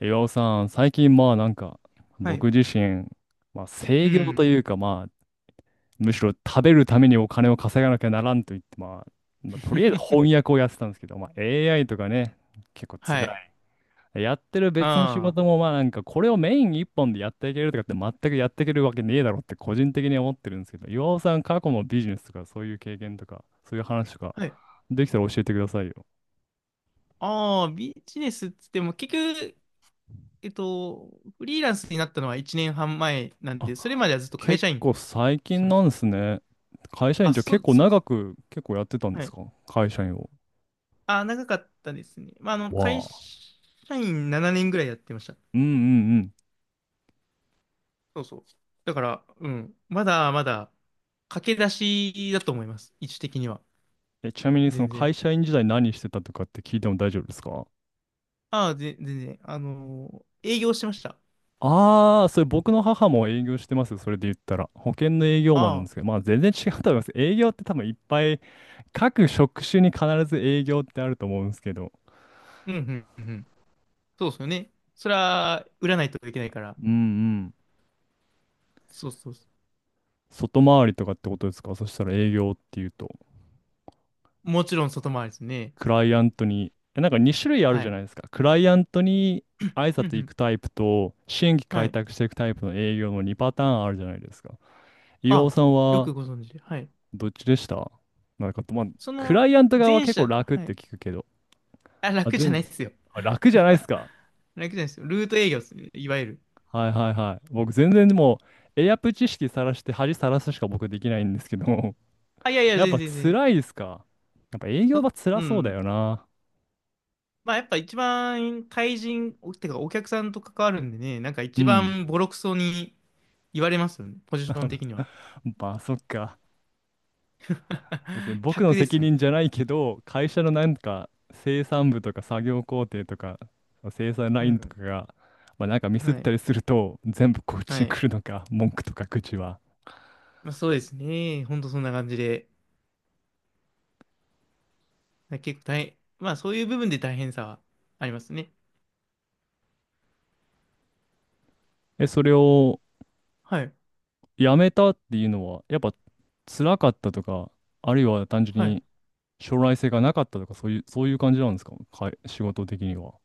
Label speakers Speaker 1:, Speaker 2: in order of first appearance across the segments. Speaker 1: 岩尾さん、最近まあなんか、
Speaker 2: はい。
Speaker 1: 僕自身、まあ
Speaker 2: う
Speaker 1: 制御と
Speaker 2: ん。
Speaker 1: いうかまあ、むしろ食べるためにお金を稼がなきゃならんと言って、まあとりあえず翻訳をやってたんですけど、まあ AI とかね、結構
Speaker 2: は
Speaker 1: 辛
Speaker 2: い。
Speaker 1: い。やってる別の仕
Speaker 2: あ
Speaker 1: 事もまあなんか、これをメイン一本でやっていけるとかって全くやっていけるわけねえだろって個人的に思ってるんですけど、岩尾さん過去のビジネスとかそういう経験とか、そういう話とか、
Speaker 2: あ。はい。
Speaker 1: できたら教えてくださいよ。
Speaker 2: ああ、ビジネスっつっても、結局、フリーランスになったのは1年半前なんで、それまではずっと会
Speaker 1: 結
Speaker 2: 社員
Speaker 1: 構最
Speaker 2: して
Speaker 1: 近
Speaker 2: ま
Speaker 1: なん
Speaker 2: し
Speaker 1: ですね。会社
Speaker 2: た。
Speaker 1: 員
Speaker 2: あ、
Speaker 1: じゃ
Speaker 2: そ
Speaker 1: 結
Speaker 2: う、
Speaker 1: 構
Speaker 2: そうで
Speaker 1: 長
Speaker 2: す。
Speaker 1: く結構やってたんで
Speaker 2: は
Speaker 1: す
Speaker 2: い。
Speaker 1: か？会社員を。
Speaker 2: ああ、長かったですね。まあ、
Speaker 1: わ
Speaker 2: 会社員
Speaker 1: あ。
Speaker 2: 7年ぐらいやってました。
Speaker 1: うんうんうん。
Speaker 2: そうそう。だから、うん。まだまだ、駆け出しだと思います。位置的には。
Speaker 1: え、ちなみにその
Speaker 2: 全然。
Speaker 1: 会社員時代何してたとかって聞いても大丈夫ですか？
Speaker 2: ああ、全然。営業してました。
Speaker 1: ああー、それ僕の母も営業してますよ。それで言ったら。保険の営業マンな
Speaker 2: あ
Speaker 1: んですけど、
Speaker 2: あ。
Speaker 1: まあ全然違うと思います。営業って多分いっぱい、各職種に必ず営業ってあると思うんですけど。
Speaker 2: うん、うん、うん。そうですよね。それは、売らないといけないから。
Speaker 1: うんうん。
Speaker 2: そうそうそ
Speaker 1: 外回りとかってことですか、そしたら営業っていうと。
Speaker 2: う。もちろん外回りですね。
Speaker 1: クライアントに、えなんか2種類ある
Speaker 2: は
Speaker 1: じゃ
Speaker 2: い。
Speaker 1: ないですか。クライアントに挨
Speaker 2: うんう
Speaker 1: 拶行
Speaker 2: ん。
Speaker 1: くタイプと、新規
Speaker 2: は
Speaker 1: 開
Speaker 2: い。
Speaker 1: 拓していくタイプの営業の2パターンあるじゃないですか。岩尾
Speaker 2: あ、
Speaker 1: さん
Speaker 2: よ
Speaker 1: は
Speaker 2: くご存知で。はい。
Speaker 1: どっちでした？なんか、まあ、
Speaker 2: そ
Speaker 1: クラ
Speaker 2: の、
Speaker 1: イアント側は
Speaker 2: 前
Speaker 1: 結構
Speaker 2: 者、
Speaker 1: 楽っ
Speaker 2: は
Speaker 1: て
Speaker 2: い。
Speaker 1: 聞くけど。
Speaker 2: あ、
Speaker 1: あ、
Speaker 2: 楽じゃない
Speaker 1: 全
Speaker 2: ですよ。
Speaker 1: あ、楽じゃないですか。
Speaker 2: 楽じゃないですよ。ルート営業ですね。いわゆる。
Speaker 1: はいはいはい。僕全然もう、エアプ知識さらして恥さらすしか僕できないんですけど、
Speaker 2: あ、いやいや、
Speaker 1: やっ
Speaker 2: 全
Speaker 1: ぱ
Speaker 2: 然全然。
Speaker 1: 辛いですか？やっぱ営業は
Speaker 2: う
Speaker 1: 辛そうだ
Speaker 2: ん。
Speaker 1: よな。
Speaker 2: まあ、やっぱ一番、対人、おてかお客さんと関わるんでね、なんか
Speaker 1: う
Speaker 2: 一
Speaker 1: ん。
Speaker 2: 番ボロクソに言われますよね。ポジション的には。
Speaker 1: まあそっか。別に 僕の
Speaker 2: 客です
Speaker 1: 責
Speaker 2: もん。
Speaker 1: 任じゃないけど、会社のなんか生産部とか作業工程とか生産ラ
Speaker 2: う
Speaker 1: インと
Speaker 2: ん。
Speaker 1: かが、まあ、なんかミスっ
Speaker 2: は
Speaker 1: た
Speaker 2: い。
Speaker 1: りすると全部こっち
Speaker 2: は
Speaker 1: に
Speaker 2: い。
Speaker 1: 来るのか、文句とか口は。
Speaker 2: まあ、そうですね。ほんとそんな感じで。結構大変、まあそういう部分で大変さはありますね。
Speaker 1: え、それを
Speaker 2: はい。
Speaker 1: やめたっていうのは、やっぱ辛かったとか、あるいは単純
Speaker 2: はい。
Speaker 1: に将来性がなかったとか、そういう、そういう感じなんですか、仕事的には。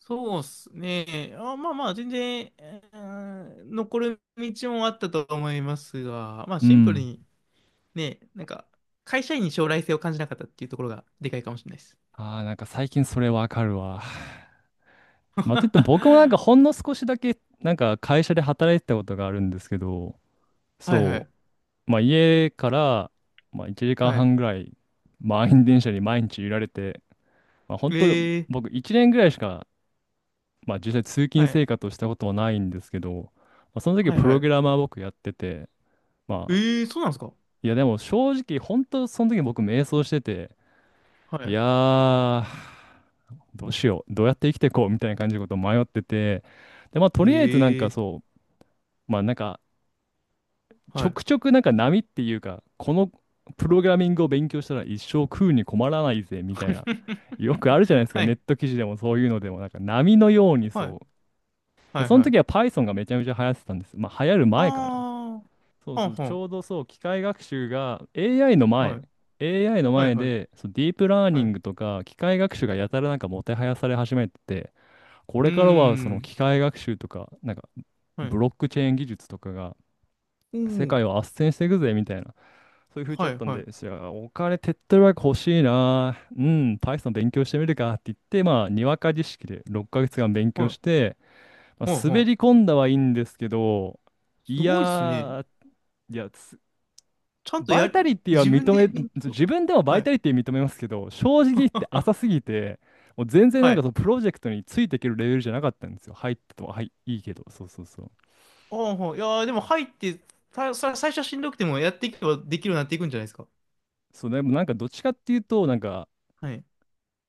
Speaker 2: そうっすね。あ、まあまあ、全然、残る道もあったと思いますが、まあ
Speaker 1: う
Speaker 2: シンプル
Speaker 1: ん。
Speaker 2: にね、なんか、会社員に将来性を感じなかったっていうところがでかいかもしれないです。
Speaker 1: ああ、なんか最近それわかるわ。まあ、といっても僕もなんか
Speaker 2: は
Speaker 1: ほんの少しだけなんか会社で働いてたことがあるんですけど、
Speaker 2: いは
Speaker 1: そ
Speaker 2: い。
Speaker 1: う、まあ、家から、まあ、1時
Speaker 2: は
Speaker 1: 間
Speaker 2: い。
Speaker 1: 半ぐらい満員電車に毎日揺られて、まあ、本
Speaker 2: え
Speaker 1: 当僕
Speaker 2: ー、
Speaker 1: 1年ぐらいしか、まあ、実際通
Speaker 2: は
Speaker 1: 勤
Speaker 2: い。
Speaker 1: 生活をしたことはないんですけど、まあ、その時
Speaker 2: はい
Speaker 1: プ
Speaker 2: は
Speaker 1: ログ
Speaker 2: い。
Speaker 1: ラマー僕やってて、
Speaker 2: え
Speaker 1: まあ、
Speaker 2: ー、そうなんですか。
Speaker 1: いやでも正直本当その時僕迷走してて、い
Speaker 2: は
Speaker 1: やー、どうしよう、どうやって生きていこうみたいな感じのことを迷ってて、で、まあ、と
Speaker 2: い。
Speaker 1: りあえずなん
Speaker 2: え
Speaker 1: か
Speaker 2: ー、
Speaker 1: そう、まあなんか、ち
Speaker 2: は
Speaker 1: ょ
Speaker 2: い。
Speaker 1: くちょくなんか波っていうか、このプロ
Speaker 2: は
Speaker 1: グラミングを勉強したら一生食うに困らないぜ、
Speaker 2: い。
Speaker 1: みたいな。よくあ るじゃないですか、
Speaker 2: は
Speaker 1: ネッ
Speaker 2: い。
Speaker 1: ト記事でもそういうのでも、なんか波のように
Speaker 2: は
Speaker 1: そ
Speaker 2: い。
Speaker 1: う。で、
Speaker 2: はい
Speaker 1: その
Speaker 2: は
Speaker 1: 時は
Speaker 2: い。
Speaker 1: Python がめちゃめちゃ流行ってたんです。まあ流行る前かな。
Speaker 2: あ
Speaker 1: そ
Speaker 2: あ、
Speaker 1: う
Speaker 2: は
Speaker 1: そ
Speaker 2: ん
Speaker 1: う、
Speaker 2: は
Speaker 1: ち
Speaker 2: ん。
Speaker 1: ょうどそう、機械学習が AI の
Speaker 2: は
Speaker 1: 前、
Speaker 2: い。
Speaker 1: AI の
Speaker 2: はい、
Speaker 1: 前
Speaker 2: はい、
Speaker 1: で、そう、ディープラー
Speaker 2: は
Speaker 1: ニ
Speaker 2: い。
Speaker 1: ン
Speaker 2: う
Speaker 1: グとか機械学習がやたらなんかもてはやされ始めてて、こ
Speaker 2: ー
Speaker 1: れからはその
Speaker 2: ん。
Speaker 1: 機械学習とか、なんか
Speaker 2: は
Speaker 1: ブ
Speaker 2: い。
Speaker 1: ロックチェーン技術とかが
Speaker 2: う
Speaker 1: 世
Speaker 2: ん。
Speaker 1: 界を斡旋していくぜみたいな。そういう風潮
Speaker 2: は
Speaker 1: だっ
Speaker 2: い、
Speaker 1: たん
Speaker 2: はい、
Speaker 1: ですよ、じゃあお金手っ取り早く欲しいな、うん、Python 勉強してみるかって言って、まあ、にわか知識で6ヶ月間勉
Speaker 2: は
Speaker 1: 強し
Speaker 2: い。
Speaker 1: て、まあ、
Speaker 2: はい、は
Speaker 1: 滑り
Speaker 2: い。
Speaker 1: 込んだはいいんですけど、
Speaker 2: す
Speaker 1: いや
Speaker 2: ごいですね。
Speaker 1: ー、いや、
Speaker 2: ちゃんと
Speaker 1: バ
Speaker 2: や
Speaker 1: イタ
Speaker 2: り、
Speaker 1: リティは
Speaker 2: 自分
Speaker 1: 認
Speaker 2: で
Speaker 1: め、
Speaker 2: 勉強。
Speaker 1: 自分でもバイ
Speaker 2: はい。
Speaker 1: タリティ認めますけど、正直言って浅す ぎて、もう全然な
Speaker 2: は
Speaker 1: んか
Speaker 2: い。
Speaker 1: そのプロジェクトについていけるレベルじゃなかったんですよ。入ってとは、はい、いいけど、そうそうそう。
Speaker 2: ああ、はい、いやーでも入って、最初はしんどくてもやっていけばできるようになっていくんじゃないですか。
Speaker 1: そう、でもなんかどっちかっていうと、なんか
Speaker 2: はい。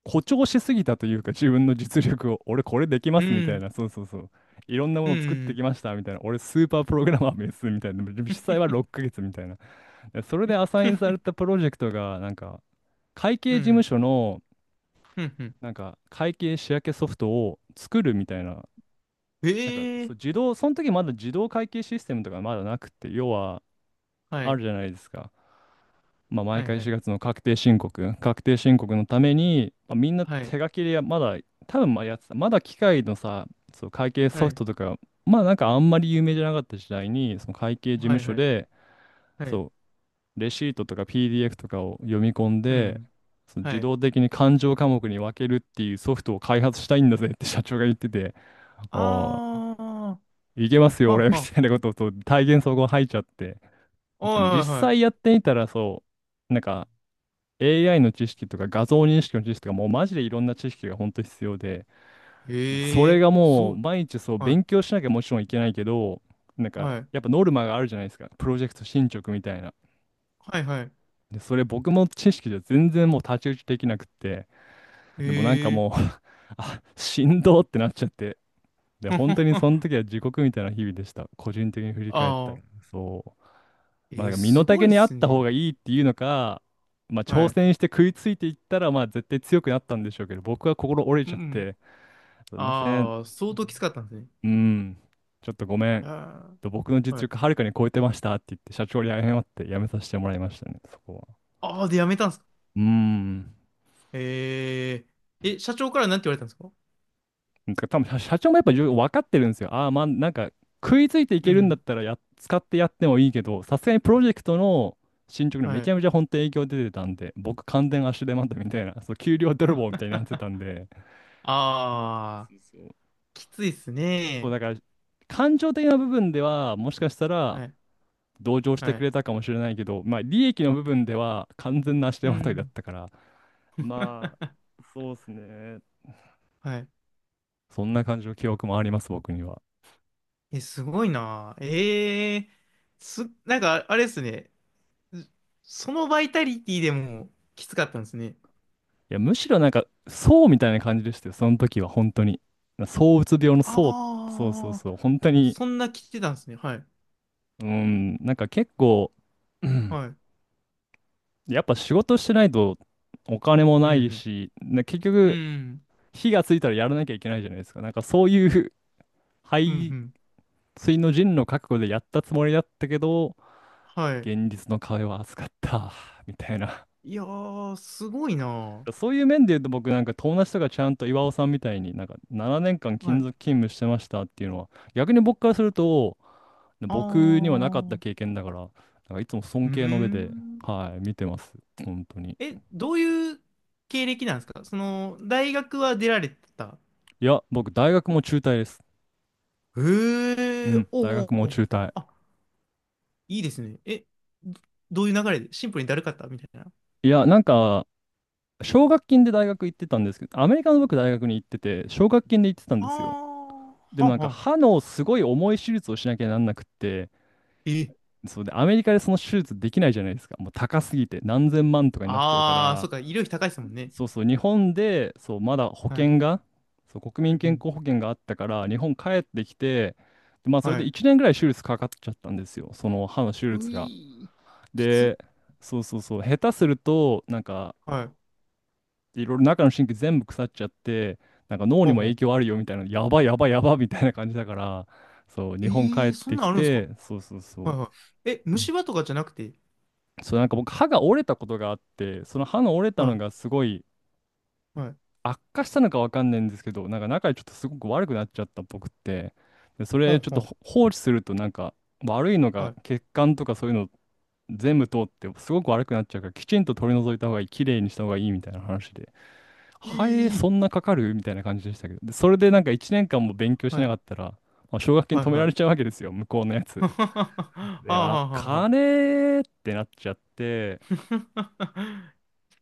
Speaker 1: 誇張しすぎたというか、自分の実力を、俺これできま
Speaker 2: う
Speaker 1: すみたい
Speaker 2: ん。
Speaker 1: な、そうそうそう。いろんなも
Speaker 2: う
Speaker 1: の
Speaker 2: ん。
Speaker 1: を作っ
Speaker 2: う
Speaker 1: て
Speaker 2: ん。
Speaker 1: きましたみたいな、俺スーパープログラマーですみたいな、でも実際は6ヶ月みたいな。でそれでアサインされ たプロジェクトが、なんか、会計事務所の、
Speaker 2: うん。うん。
Speaker 1: なんか、会計仕分けソフトを作るみたいな、
Speaker 2: え
Speaker 1: なんか、
Speaker 2: え
Speaker 1: そう、
Speaker 2: ー。
Speaker 1: 自動、その時まだ自動会計システムとかまだなくて、要は、
Speaker 2: は
Speaker 1: あ
Speaker 2: い。
Speaker 1: るじゃないですか。まあ、毎
Speaker 2: はい、
Speaker 1: 回
Speaker 2: はい。
Speaker 1: 4月の確定申告、確定申告のために、まあ、みんな
Speaker 2: はい。
Speaker 1: 手書きでやまだ、多分まあやってた、まだ機械のさ、そう会計
Speaker 2: は
Speaker 1: ソフ
Speaker 2: い。
Speaker 1: トとか、まあなんかあんまり有名じゃなかった時代に、その会計事
Speaker 2: は
Speaker 1: 務
Speaker 2: い、
Speaker 1: 所
Speaker 2: はい。
Speaker 1: で、
Speaker 2: はい。
Speaker 1: そう、レシートとか PDF とかを読み込ん
Speaker 2: う
Speaker 1: で、
Speaker 2: ん。
Speaker 1: その
Speaker 2: は
Speaker 1: 自
Speaker 2: い。
Speaker 1: 動的に勘定科目に分けるっていうソフトを開発したいんだぜって社長が言ってて、
Speaker 2: あ
Speaker 1: ああ、
Speaker 2: あ。
Speaker 1: いけますよ、
Speaker 2: は
Speaker 1: 俺
Speaker 2: あ
Speaker 1: み
Speaker 2: は
Speaker 1: たいな
Speaker 2: あ、
Speaker 1: ことをそう体現そこ入っちゃって、
Speaker 2: は
Speaker 1: でも実
Speaker 2: いはいは
Speaker 1: 際やってみたらそう、なんか、AI の知識とか画像認識の知識とかもうマジでいろんな知識が本当に必要で、
Speaker 2: い。
Speaker 1: そ
Speaker 2: へ
Speaker 1: れ
Speaker 2: え、
Speaker 1: が
Speaker 2: す
Speaker 1: も
Speaker 2: ご
Speaker 1: う
Speaker 2: い。
Speaker 1: 毎日そう
Speaker 2: はい、
Speaker 1: 勉強しなきゃもちろんいけないけど、なんか
Speaker 2: はい、
Speaker 1: やっぱノルマがあるじゃないですか。プロジェクト進捗みたいな。
Speaker 2: はい、はい。
Speaker 1: で、それ僕も知識じゃ全然もう太刀打ちできなくって、でもなんか
Speaker 2: へえ、
Speaker 1: もう あ、しんどってなっちゃって、で、本当にそ の時は地獄みたいな日々でした。個人的に振り返った
Speaker 2: あ
Speaker 1: ら。
Speaker 2: あ、
Speaker 1: そう。
Speaker 2: え
Speaker 1: まあ、なん
Speaker 2: ー、
Speaker 1: か身の
Speaker 2: すご
Speaker 1: 丈
Speaker 2: いっ
Speaker 1: にあ
Speaker 2: す
Speaker 1: った方
Speaker 2: ね。
Speaker 1: がいいっていうのか、まあ、
Speaker 2: は
Speaker 1: 挑
Speaker 2: い。
Speaker 1: 戦して食いついていったら、まあ、絶対強くなったんでしょうけど、僕は心折れ
Speaker 2: うん
Speaker 1: ちゃっ
Speaker 2: うん。
Speaker 1: て、すいません、
Speaker 2: ああ、相当きつかったんですね。
Speaker 1: うん、ちょっとごめん、
Speaker 2: あ
Speaker 1: と僕の
Speaker 2: あ、
Speaker 1: 実
Speaker 2: はい。
Speaker 1: 力はるかに超えてましたって言って、社長に謝って辞めさせてもらいましたね、そこは。
Speaker 2: ああ、で、やめたんですか。
Speaker 1: うん。
Speaker 2: ええ、え、社長からなんて言われたんですか。
Speaker 1: なんか多分社長もやっぱ分かってるんですよ。ああ、まあなんか食いついてい
Speaker 2: う
Speaker 1: けるんだっ
Speaker 2: ん。
Speaker 1: たら使ってやってもいいけど、さすがにプロジェクトの進捗にめ
Speaker 2: は
Speaker 1: ち
Speaker 2: い。
Speaker 1: ゃめちゃ本当に影響出てたんで、僕完全足手まといみたいな、そう、給料泥棒みたいになってたんで、
Speaker 2: ああ、
Speaker 1: そうそう。
Speaker 2: きついっす
Speaker 1: そう
Speaker 2: ね。
Speaker 1: だから感情的な部分ではもしかしたら
Speaker 2: はい、
Speaker 1: 同情して
Speaker 2: は
Speaker 1: く
Speaker 2: い。
Speaker 1: れたかもしれないけど、まあ利益の部分では完全な足手
Speaker 2: う
Speaker 1: まといだっ
Speaker 2: ん。
Speaker 1: たから、まあ、そうですね。
Speaker 2: はい。
Speaker 1: そんな感じの記憶もあります、僕には。
Speaker 2: え、すごいな。ええ、なんか、あれっすね。そのバイタリティでもきつかったんですね。
Speaker 1: いや、むしろなんか、そうみたいな感じでしたよ、その時は、本当に。躁うつ病のそうそうそう
Speaker 2: ああ、
Speaker 1: そう、本当に、
Speaker 2: そんな来てたんですね。はい。
Speaker 1: うん、なんか結構、うん、
Speaker 2: はい。
Speaker 1: やっぱ仕事してないとお金も
Speaker 2: う
Speaker 1: な
Speaker 2: ん、う
Speaker 1: い
Speaker 2: ん。
Speaker 1: し、結
Speaker 2: う
Speaker 1: 局、
Speaker 2: ん、
Speaker 1: 火がついたらやらなきゃいけないじゃないですか。なんかそういう
Speaker 2: うん、う
Speaker 1: 背
Speaker 2: ん。
Speaker 1: 水の陣の覚悟でやったつもりだったけど、
Speaker 2: はい。
Speaker 1: 現実の壁は厚かった、みたいな。
Speaker 2: いやー、すごいなー。
Speaker 1: そういう面で言うと、僕、友達とかちゃんと岩尾さんみたいに7年間
Speaker 2: は
Speaker 1: 勤
Speaker 2: い。
Speaker 1: 続勤務してましたっていうのは、逆に僕からすると
Speaker 2: あ
Speaker 1: 僕にはなかった
Speaker 2: ー、
Speaker 1: 経験だから、いつも尊
Speaker 2: うー
Speaker 1: 敬の目で、
Speaker 2: ん。
Speaker 1: はい、見てます。本当に。
Speaker 2: え、どういう経歴なんですか。その、大学は出られてた。
Speaker 1: いや、僕大学も中退です。う
Speaker 2: へえ、
Speaker 1: ん、
Speaker 2: おう
Speaker 1: 大
Speaker 2: おう、
Speaker 1: 学も
Speaker 2: おう、
Speaker 1: 中退。
Speaker 2: あ、いいですね。え、どどういう流れでシンプルにだるかったみたいな。
Speaker 1: いやなんか奨学金で大学行ってたんですけど、アメリカの、僕大学に行ってて、奨学金で行ってたん
Speaker 2: あ
Speaker 1: ですよ。で
Speaker 2: ー、
Speaker 1: も
Speaker 2: はんはん。
Speaker 1: 歯のすごい重い手術をしなきゃなんなくって、
Speaker 2: え、
Speaker 1: そうで、アメリカでその手術できないじゃないですか。もう高すぎて何千万とかになっちゃうか
Speaker 2: ああ、そ
Speaker 1: ら、
Speaker 2: っか、医療費高いですもんね。
Speaker 1: そうそう、日本で、そう、まだ保
Speaker 2: はい。
Speaker 1: 険が、そう、国
Speaker 2: うん
Speaker 1: 民
Speaker 2: う
Speaker 1: 健
Speaker 2: ん。
Speaker 1: 康保険があったから、日本帰ってきて、で、まあ、それ
Speaker 2: は
Speaker 1: で
Speaker 2: い。
Speaker 1: 1年ぐらい手術かかっちゃったんですよ。その歯の手術
Speaker 2: う
Speaker 1: が。
Speaker 2: いー、きつ。
Speaker 1: で、そうそうそう、下手すると、
Speaker 2: はい。
Speaker 1: いろいろ中の神経全部腐っちゃって、脳
Speaker 2: ほ
Speaker 1: に
Speaker 2: う
Speaker 1: も
Speaker 2: ほ
Speaker 1: 影
Speaker 2: う。
Speaker 1: 響あるよみたいな、やばいやばいやばいみたいな感じだから、そう、
Speaker 2: え
Speaker 1: 日本帰
Speaker 2: え
Speaker 1: っ
Speaker 2: ー、そん
Speaker 1: て
Speaker 2: なん
Speaker 1: き
Speaker 2: あるんですか。
Speaker 1: て、そう
Speaker 2: は
Speaker 1: そうそう。
Speaker 2: いはい。え、虫歯とかじゃなくて。
Speaker 1: そう、僕、歯が折れたことがあって、その歯の折れたの
Speaker 2: は
Speaker 1: がすごい
Speaker 2: い。はい。
Speaker 1: 悪化したのかわかんないんですけど、中でちょっとすごく悪くなっちゃったっぽくって、で、そ
Speaker 2: ほ
Speaker 1: れ
Speaker 2: う
Speaker 1: ちょっと
Speaker 2: ほ
Speaker 1: 放置すると悪いの
Speaker 2: う。は
Speaker 1: が
Speaker 2: い。
Speaker 1: 血管とかそういうの全部通ってすごく悪くなっちゃうから、きちんと取り除いた方がいい、きれいにした方がいいみたいな話で、
Speaker 2: う
Speaker 1: ハエそ
Speaker 2: い
Speaker 1: んなかかるみたいな感じでしたけど、で、それで1年間も勉強
Speaker 2: ー、
Speaker 1: し
Speaker 2: は
Speaker 1: な
Speaker 2: い。
Speaker 1: かったら、まあ、奨学金
Speaker 2: はい
Speaker 1: 止め
Speaker 2: は
Speaker 1: られちゃう
Speaker 2: い。
Speaker 1: わけですよ、向こうのや つ。
Speaker 2: ははは
Speaker 1: で、
Speaker 2: は
Speaker 1: あ、
Speaker 2: はははは。
Speaker 1: 金ってなっちゃって、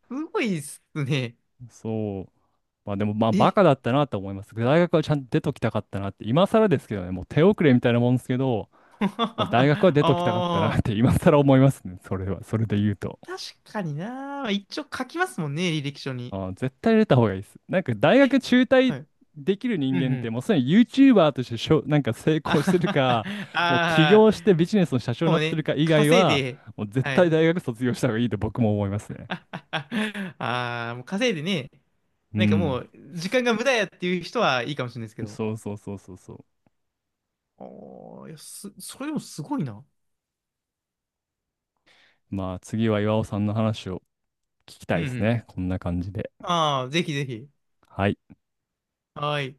Speaker 2: すごいっすね。
Speaker 1: そう。まあでも、まあ、バ
Speaker 2: え、
Speaker 1: カだったなと思います。大学はちゃんと出ときたかったなって、今更ですけどね、もう手遅れみたいなもんですけど、まあ、大学は出ときたかったな
Speaker 2: ああ
Speaker 1: って 今更思いますね、それは、それで言うと。
Speaker 2: ー、確かにな。一応書きますもんね、履歴書に。
Speaker 1: あー、絶対出た方がいいです。大学
Speaker 2: え、
Speaker 1: 中退
Speaker 2: はい。
Speaker 1: できる人
Speaker 2: うん
Speaker 1: 間
Speaker 2: う
Speaker 1: って、
Speaker 2: ん。
Speaker 1: もうすでに YouTuber としてしょ、なんか成
Speaker 2: あ
Speaker 1: 功し
Speaker 2: は
Speaker 1: てる
Speaker 2: は、
Speaker 1: か、
Speaker 2: は
Speaker 1: もう起業
Speaker 2: あ
Speaker 1: してビジネスの社
Speaker 2: ー、
Speaker 1: 長に
Speaker 2: も
Speaker 1: な
Speaker 2: う
Speaker 1: ってる
Speaker 2: ね、
Speaker 1: か以外
Speaker 2: 稼い
Speaker 1: は、
Speaker 2: で、
Speaker 1: もう絶
Speaker 2: は
Speaker 1: 対
Speaker 2: い。
Speaker 1: 大学卒業した方がいいと僕も思いますね。
Speaker 2: ああ、もう稼いでね、
Speaker 1: う
Speaker 2: なんかも
Speaker 1: ん。
Speaker 2: う、時間が無駄やっていう人はいいかもしれないですけど。
Speaker 1: そうそうそうそうそう。
Speaker 2: ああ、いや、それでもすごいな。
Speaker 1: まあ、次は岩尾さんの話を聞きた
Speaker 2: うんう
Speaker 1: いです
Speaker 2: ん。
Speaker 1: ね。こんな感じで。
Speaker 2: ああ、ぜひぜひ。
Speaker 1: はい。
Speaker 2: はい。